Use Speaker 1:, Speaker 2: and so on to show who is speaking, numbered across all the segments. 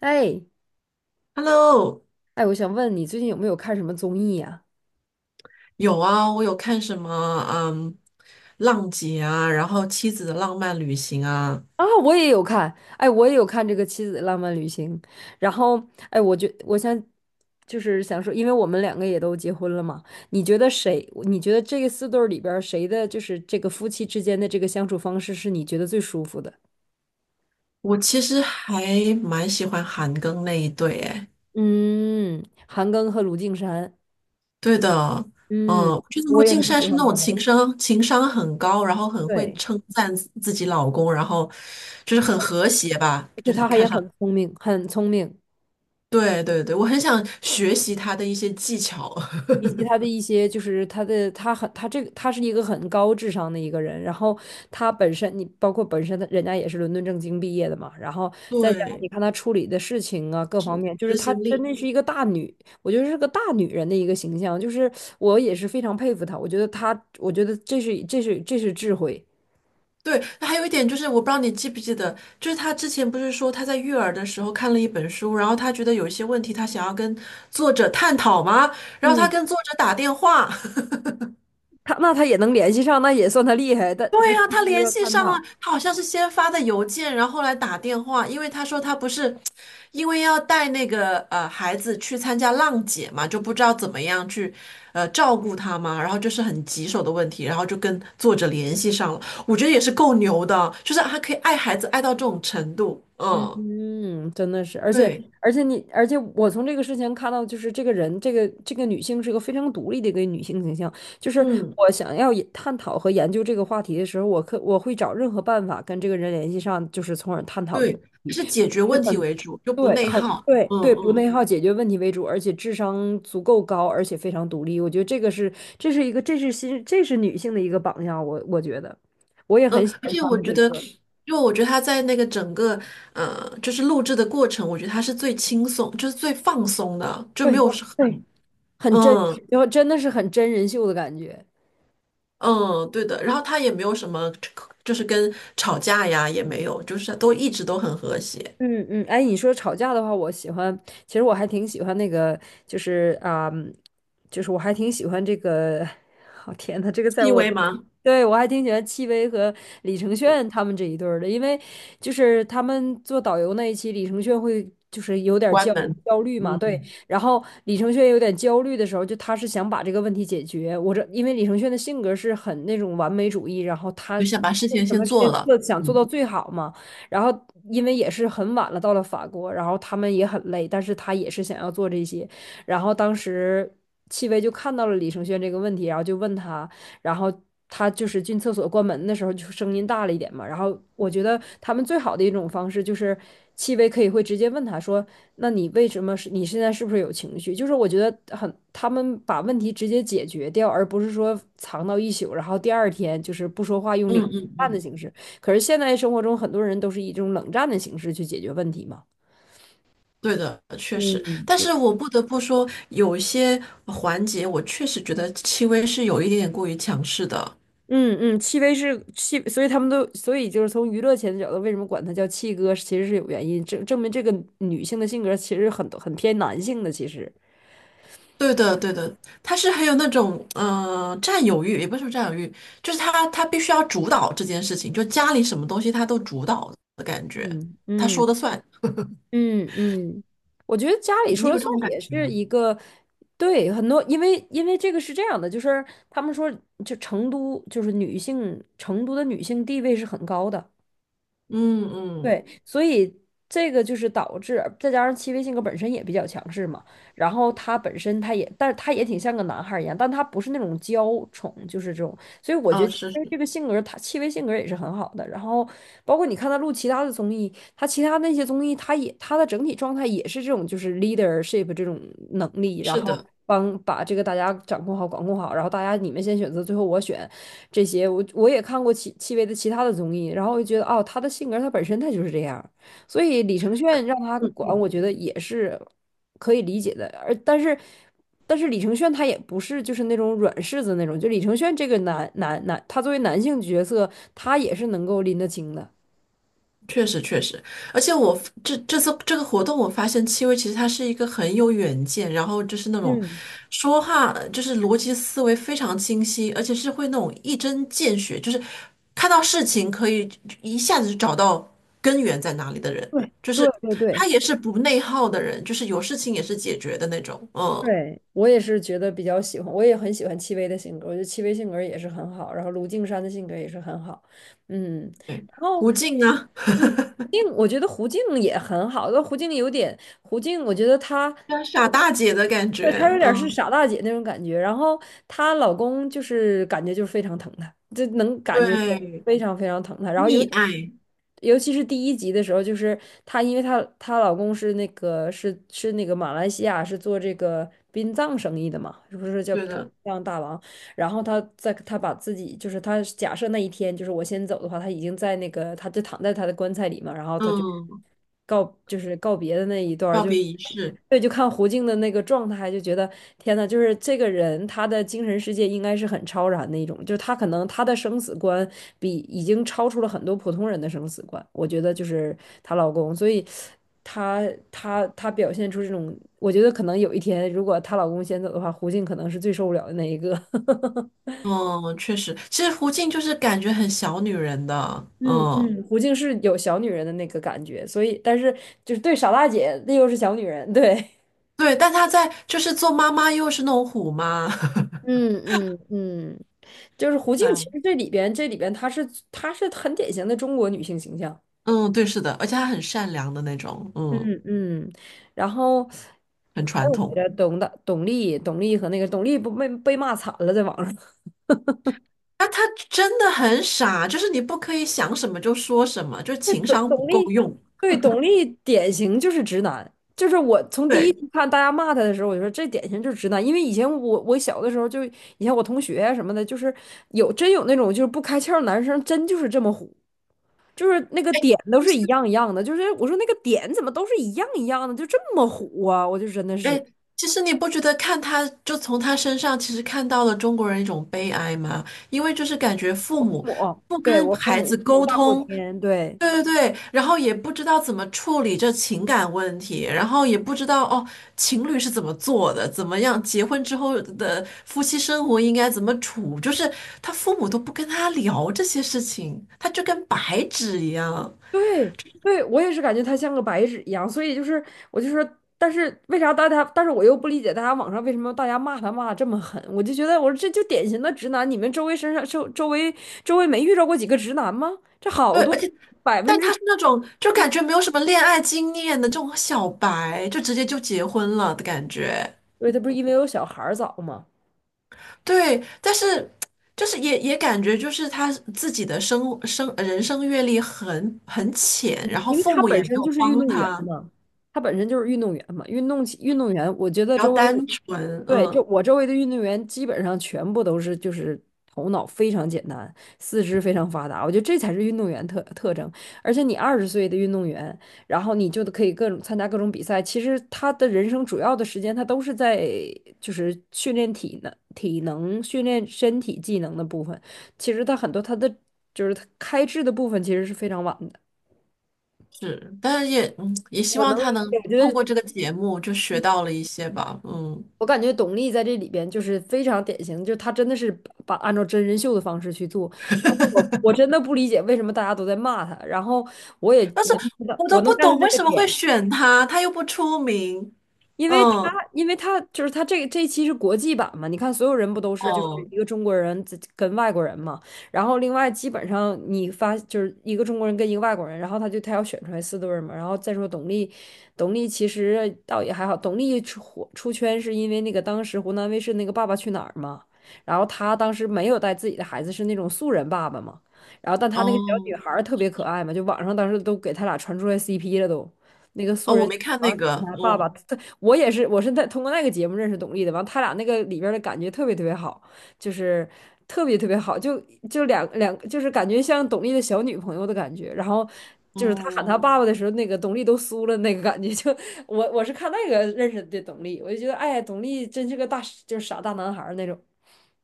Speaker 1: 哎
Speaker 2: Hello，
Speaker 1: 哎,我想问你最近有没有看什么综艺呀、
Speaker 2: 有啊，我有看什么，嗯，浪姐啊，然后妻子的浪漫旅行啊。
Speaker 1: 啊？我也有看，我也有看这个《妻子的浪漫旅行》，然后我想就是想说，因为我们两个也都结婚了嘛，你觉得谁？你觉得这个四对儿里边儿谁的就是这个夫妻之间的这个相处方式是你觉得最舒服的？
Speaker 2: 我其实还蛮喜欢韩庚那一对，哎，
Speaker 1: 嗯，韩庚和卢靖姗，
Speaker 2: 对的。嗯，
Speaker 1: 嗯，
Speaker 2: 我觉得卢
Speaker 1: 我也很
Speaker 2: 靖姗
Speaker 1: 喜
Speaker 2: 是
Speaker 1: 欢
Speaker 2: 那种
Speaker 1: 他们。
Speaker 2: 情商很高，然后很会
Speaker 1: 对，
Speaker 2: 称赞自己老公，然后就是很和谐吧，
Speaker 1: 而且
Speaker 2: 就是
Speaker 1: 他还也
Speaker 2: 看上，
Speaker 1: 很聪明，很聪明。
Speaker 2: 对对对，我很想学习他的一些技巧。
Speaker 1: 以及他的一些，就是他的，他很，他这个，他是一个很高智商的一个人。然后他本身，你包括本身他，人家也是伦敦政经毕业的嘛。然后 再加上你
Speaker 2: 对，
Speaker 1: 看他处理的事情啊，各方面，就是
Speaker 2: 执
Speaker 1: 他
Speaker 2: 行
Speaker 1: 真
Speaker 2: 力。
Speaker 1: 的是一个大女，我觉得是个大女人的一个形象。就是我也是非常佩服她，我觉得她，我觉得这是智慧。
Speaker 2: 对，还有一点就是，我不知道你记不记得，就是他之前不是说他在育儿的时候看了一本书，然后他觉得有一些问题他想要跟作者探讨吗？然后他
Speaker 1: 嗯，
Speaker 2: 跟作者打电话，
Speaker 1: 她那她也能联系上，那也算她厉害。但
Speaker 2: 对
Speaker 1: 她 就
Speaker 2: 呀、他
Speaker 1: 是
Speaker 2: 联
Speaker 1: 要
Speaker 2: 系
Speaker 1: 探
Speaker 2: 上了。
Speaker 1: 讨。
Speaker 2: 他好像是先发的邮件，然后后来打电话，因为他说他不是因为要带那个孩子去参加浪姐嘛，就不知道怎么样去照顾他嘛，然后就是很棘手的问题，然后就跟作者联系上了。我觉得也是够牛的，就是他可以爱孩子爱到这种程度，嗯，
Speaker 1: 嗯，真的是，而且
Speaker 2: 对。
Speaker 1: 而且你，而且我从这个事情看到，就是这个人，这个女性是个非常独立的一个女性形象。就是
Speaker 2: 嗯，
Speaker 1: 我想要也探讨和研究这个话题的时候，我会找任何办法跟这个人联系上，就是从而探讨这
Speaker 2: 对，
Speaker 1: 个问
Speaker 2: 他是
Speaker 1: 题。
Speaker 2: 解决问题为主，就不
Speaker 1: 对，
Speaker 2: 内
Speaker 1: 很
Speaker 2: 耗，
Speaker 1: 对
Speaker 2: 嗯
Speaker 1: 对，不
Speaker 2: 嗯。
Speaker 1: 内耗，解决问题为主，而且智商足够高，而且非常独立。我觉得这个是这是女性的一个榜样，我觉得我也
Speaker 2: 嗯，
Speaker 1: 很喜
Speaker 2: 而
Speaker 1: 欢
Speaker 2: 且
Speaker 1: 他
Speaker 2: 我
Speaker 1: 们这
Speaker 2: 觉
Speaker 1: 一
Speaker 2: 得，
Speaker 1: 对儿。
Speaker 2: 因为我觉得他在那个整个就是录制的过程，我觉得他是最轻松，就是最放松的，就没
Speaker 1: 对
Speaker 2: 有
Speaker 1: 我
Speaker 2: 是很
Speaker 1: 对。很真实，
Speaker 2: 嗯
Speaker 1: 就真的是很真人秀的感觉。
Speaker 2: 嗯对的。然后他也没有什么，就是跟吵架呀也没有，就是都一直都很和谐。
Speaker 1: 嗯嗯，哎，你说吵架的话，我喜欢，其实我还挺喜欢那个，就是啊、就是我还挺喜欢这个，哦天呐，这个在
Speaker 2: 戚
Speaker 1: 我，
Speaker 2: 薇吗？
Speaker 1: 对，我还挺喜欢戚薇和李承铉他们这一对儿的，因为就是他们做导游那一期，李承铉会就是有点儿
Speaker 2: 关
Speaker 1: 焦
Speaker 2: 门。
Speaker 1: 焦虑嘛，对，
Speaker 2: 嗯，
Speaker 1: 然后李承铉有点焦虑的时候，就他是想把这个问题解决，因为李承铉的性格是很那种完美主义，然后他
Speaker 2: 就想把事
Speaker 1: 做
Speaker 2: 情
Speaker 1: 什
Speaker 2: 先
Speaker 1: 么事
Speaker 2: 做
Speaker 1: 情
Speaker 2: 了，
Speaker 1: 做想做
Speaker 2: 嗯。
Speaker 1: 到最好嘛。然后因为也是很晚了，到了法国，然后他们也很累，但是他也是想要做这些。然后当时戚薇就看到了李承铉这个问题，然后就问他，然后他就是进厕所关门的时候就声音大了一点嘛。然后我觉得他们最好的一种方式就是戚薇可以会直接问他说：“那你为什么是你现在是不是有情绪？”就是我觉得很他们把问题直接解决掉，而不是说藏到一宿，然后第二天就是不说话用领
Speaker 2: 嗯嗯，
Speaker 1: 淡的形式。可是现在生活中很多人都是以这种冷战的形式去解决问题嘛。
Speaker 2: 对的，确实，但是我不得不说，有一些环节我确实觉得戚薇是有一点点过于强势的。
Speaker 1: 嗯嗯，戚薇是戚，所以他们都，所以就是从娱乐圈的角度，为什么管他叫戚哥，其实是有原因，证明这个女性的性格其实很很偏男性的，其实。
Speaker 2: 对的，对的，他是很有那种占有欲，也不是说占有欲，就是他必须要主导这件事情，就家里什么东西他都主导的感觉，
Speaker 1: 嗯
Speaker 2: 他
Speaker 1: 嗯
Speaker 2: 说的算。
Speaker 1: 嗯嗯，我觉得家里
Speaker 2: 你
Speaker 1: 说
Speaker 2: 有
Speaker 1: 了
Speaker 2: 这
Speaker 1: 算
Speaker 2: 种感
Speaker 1: 也
Speaker 2: 觉
Speaker 1: 是一个，对，很多，因为这个是这样的，就是他们说，就成都就是女性，成都的女性地位是很高的，
Speaker 2: 嗯
Speaker 1: 对，
Speaker 2: 嗯。
Speaker 1: 所以这个就是导致，再加上戚薇性格本身也比较强势嘛，然后他本身他也，但是他也挺像个男孩儿一样，但他不是那种娇宠，就是这种，所以我觉得
Speaker 2: 啊，
Speaker 1: 戚
Speaker 2: 是
Speaker 1: 薇
Speaker 2: 是
Speaker 1: 这个性格，他戚薇性格也是很好的。然后包括你看他录其他的综艺，他其他那些综艺，他也他的整体状态也是这种，就是 leadership 这种能力，然
Speaker 2: 是
Speaker 1: 后
Speaker 2: 的，
Speaker 1: 帮把这个大家掌控好、管控好，然后大家你们先选择，最后我选，这些，我我也看过戚薇的其他的综艺，然后我就觉得哦，她的性格她本身她就是这样，所以李承铉让她管，我觉得也是可以理解的。但是但是李承铉他也不是就是那种软柿子那种，就李承铉这个男，他作为男性角色，他也是能够拎得清的。
Speaker 2: 确实确实，而且我这次这个活动，我发现戚薇其实她是一个很有远见，然后就是那种
Speaker 1: 嗯，
Speaker 2: 说话就是逻辑思维非常清晰，而且是会那种一针见血，就是看到事情可以一下子就找到根源在哪里的人，
Speaker 1: 对
Speaker 2: 就是
Speaker 1: 对，对对
Speaker 2: 她也是不内耗的人，就是有事情也是解决的那种。嗯，
Speaker 1: 对，我也是觉得比较喜欢，我也很喜欢戚薇的性格，我觉得戚薇性格也是很好，然后卢靖姗的性格也是很好，嗯，然后。
Speaker 2: 胡静啊，
Speaker 1: 嗯，我觉得胡静也很好，但胡静有点，胡静，我觉得她，
Speaker 2: 像傻大姐的感
Speaker 1: 对，
Speaker 2: 觉。
Speaker 1: 她有点儿是
Speaker 2: 嗯，
Speaker 1: 傻大姐那种感觉。然后她老公就是感觉就是非常疼她，就能感觉出
Speaker 2: 对，
Speaker 1: 非常非常疼她。然后尤
Speaker 2: 溺爱，
Speaker 1: 尤其是第一集的时候，就是她，因为她老公是那个是那个马来西亚是做这个殡葬生意的嘛，是不是叫
Speaker 2: 对
Speaker 1: 殡
Speaker 2: 的。
Speaker 1: 葬大王？然后他在他假设那一天就是我先走的话，他已经在那个他就躺在他的棺材里嘛，然后他就
Speaker 2: 嗯，
Speaker 1: 告就是告别的那一段儿
Speaker 2: 告
Speaker 1: 就。
Speaker 2: 别仪式。
Speaker 1: 对，就看胡静的那个状态，就觉得天呐，就是这个人他的精神世界应该是很超然的一种，就是他可能他的生死观已经超出了很多普通人的生死观，我觉得就是她老公，所以。她她表现出这种，我觉得可能有一天，如果她老公先走的话，胡静可能是最受不了的那一个。
Speaker 2: 嗯，确实，其实胡静就是感觉很小女人的。
Speaker 1: 嗯
Speaker 2: 嗯，
Speaker 1: 嗯，胡静是有小女人的那个感觉，所以但是就是对傻大姐，那又是小女人，对。
Speaker 2: 对，但她在就是做妈妈又是那种虎妈。
Speaker 1: 嗯嗯嗯就是胡 静，其
Speaker 2: 哎，
Speaker 1: 实这里边她是很典型的中国女性形象，
Speaker 2: 嗯，对，是的，而且她很善良的那种。嗯，
Speaker 1: 嗯嗯，然后
Speaker 2: 很
Speaker 1: 还
Speaker 2: 传
Speaker 1: 有谁
Speaker 2: 统。
Speaker 1: 来着董大、董丽、董丽和那个董丽不被骂惨了，在网上。
Speaker 2: 那她真的很傻，就是你不可以想什么就说什么，就
Speaker 1: 对，
Speaker 2: 情
Speaker 1: 董
Speaker 2: 商不
Speaker 1: 董
Speaker 2: 够
Speaker 1: 力，
Speaker 2: 用。
Speaker 1: 对，董力典型就是直男。就是我从第一
Speaker 2: 对，
Speaker 1: 集看大家骂他的时候，我就说这典型就是直男。因为以前我小的时候就，以前我同学啊什么的，就是有真有那种就是不开窍的男生，真就是这么虎，就是那个
Speaker 2: 哎，
Speaker 1: 点都
Speaker 2: 其
Speaker 1: 是
Speaker 2: 实，
Speaker 1: 一样一样的。就是我说那个点怎么都是一样一样的，就这么虎啊！我就真的
Speaker 2: 哎，
Speaker 1: 是
Speaker 2: 其实你不觉得看她就从她身上其实看到了中国人一种悲哀吗？因为就是感觉父
Speaker 1: 父
Speaker 2: 母
Speaker 1: 母，
Speaker 2: 不
Speaker 1: 对，
Speaker 2: 跟
Speaker 1: 我父
Speaker 2: 孩
Speaker 1: 母
Speaker 2: 子
Speaker 1: 父母
Speaker 2: 沟
Speaker 1: 大过
Speaker 2: 通。
Speaker 1: 天，对。
Speaker 2: 对对对，然后也不知道怎么处理这情感问题，然后也不知道哦，情侣是怎么做的，怎么样结婚之后的夫妻生活应该怎么处，就是他父母都不跟他聊这些事情，他就跟白纸一样。
Speaker 1: 对对，我也是感觉他像个白纸一样，所以就是我就说，但是为啥大家，但是我又不理解大家网上为什么大家骂他骂的这么狠，我就觉得我说这就典型的直男，你们周围身上周周围周围没遇到过几个直男吗？这好
Speaker 2: 对，
Speaker 1: 多
Speaker 2: 而且
Speaker 1: 百分
Speaker 2: 但他
Speaker 1: 之，
Speaker 2: 是那种就感觉没有什么恋爱经验的这种小白，就直接就结婚了的感觉。
Speaker 1: 对，他不是因为有小孩儿早吗？
Speaker 2: 对，但是就是也也感觉就是他自己的人生阅历很浅，
Speaker 1: 嗯，
Speaker 2: 然后
Speaker 1: 因为
Speaker 2: 父
Speaker 1: 他
Speaker 2: 母
Speaker 1: 本
Speaker 2: 也没
Speaker 1: 身就
Speaker 2: 有
Speaker 1: 是运
Speaker 2: 帮
Speaker 1: 动员
Speaker 2: 他，
Speaker 1: 嘛，他本身就是运动员嘛，运动员，我觉得
Speaker 2: 比较
Speaker 1: 周围
Speaker 2: 单纯，
Speaker 1: 对，就
Speaker 2: 嗯。
Speaker 1: 我周围的运动员基本上全部都是就是头脑非常简单，四肢非常发达，我觉得这才是运动员特征。而且你20岁的运动员，然后你就可以各种参加各种比赛，其实他的人生主要的时间他都是在就是训练体能、体能训练身体技能的部分，其实他很多他的。就是他开智的部分其实是非常晚的。
Speaker 2: 是，但是也嗯也希
Speaker 1: 我
Speaker 2: 望
Speaker 1: 能理
Speaker 2: 他能
Speaker 1: 解，我觉
Speaker 2: 通
Speaker 1: 得
Speaker 2: 过这个节目就学到了一些吧。嗯，
Speaker 1: 我感觉董力在这里边就是非常典型，就是她真的是把按照真人秀的方式去做。但是我真的不理解为什么大家都在骂她，然后我也
Speaker 2: 但是
Speaker 1: 能知道，
Speaker 2: 我都
Speaker 1: 我能
Speaker 2: 不
Speaker 1: get
Speaker 2: 懂
Speaker 1: 那
Speaker 2: 为
Speaker 1: 个
Speaker 2: 什么会
Speaker 1: 点，
Speaker 2: 选他，他又不出名。
Speaker 1: 因为他，
Speaker 2: 嗯，
Speaker 1: 因为他就是他这一期是国际版嘛，你看所有人不都是就是
Speaker 2: 哦
Speaker 1: 一个中国人自跟外国人嘛，然后另外基本上就是一个中国人跟一个外国人，然后他就他要选出来四对儿嘛，然后再说董力，董力其实倒也还好，董力出火出圈是因为那个当时湖南卫视那个《爸爸去哪儿》嘛，然后他当时没有带自己的孩子，是那种素人爸爸嘛，然后但他那个小女
Speaker 2: 哦
Speaker 1: 孩儿特别可爱嘛，就网上当时都给他俩传出来 CP 了都，那个素
Speaker 2: 哦，
Speaker 1: 人
Speaker 2: 我
Speaker 1: 小
Speaker 2: 没
Speaker 1: 女
Speaker 2: 看
Speaker 1: 孩
Speaker 2: 那
Speaker 1: 儿
Speaker 2: 个，
Speaker 1: 长得他爸
Speaker 2: 哦
Speaker 1: 爸特我也是，我是在通过那个节目认识董丽的。完，他俩那个里边儿的感觉特别特别好，就是特别特别好，就就两两，就是感觉像董丽的小女朋友的感觉。然后就是他喊
Speaker 2: 哦。
Speaker 1: 他爸爸的时候，那个董丽都酥了，那个感觉就我是看那个认识的董丽，我就觉得哎，董丽真是个大就是傻大男孩儿那种。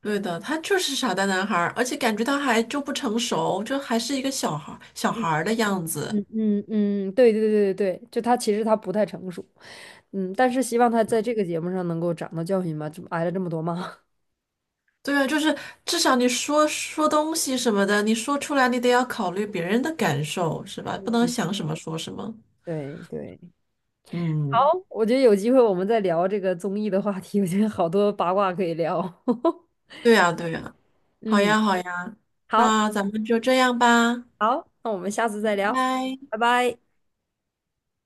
Speaker 2: 对的，他就是傻蛋男孩儿，而且感觉他还就不成熟，就还是一个小孩儿的样子。
Speaker 1: 嗯嗯嗯，嗯对对对对对，就他其实他不太成熟，嗯，但是希望他在这个节目上能够长到教训吧，这么挨了这么多骂。
Speaker 2: 对啊，就是至少你说说东西什么的，你说出来你得要考虑别人的感受，是 吧？不能
Speaker 1: 嗯，
Speaker 2: 想什么说什么。
Speaker 1: 对对。好，
Speaker 2: 嗯，
Speaker 1: 我觉得有机会我们再聊这个综艺的话题，我觉得好多八卦可以聊。
Speaker 2: 对呀，对呀，好
Speaker 1: 嗯，
Speaker 2: 呀，好呀，
Speaker 1: 好，
Speaker 2: 那咱们就这样吧，拜
Speaker 1: 好，那我们下次再聊，
Speaker 2: 拜。
Speaker 1: 拜拜。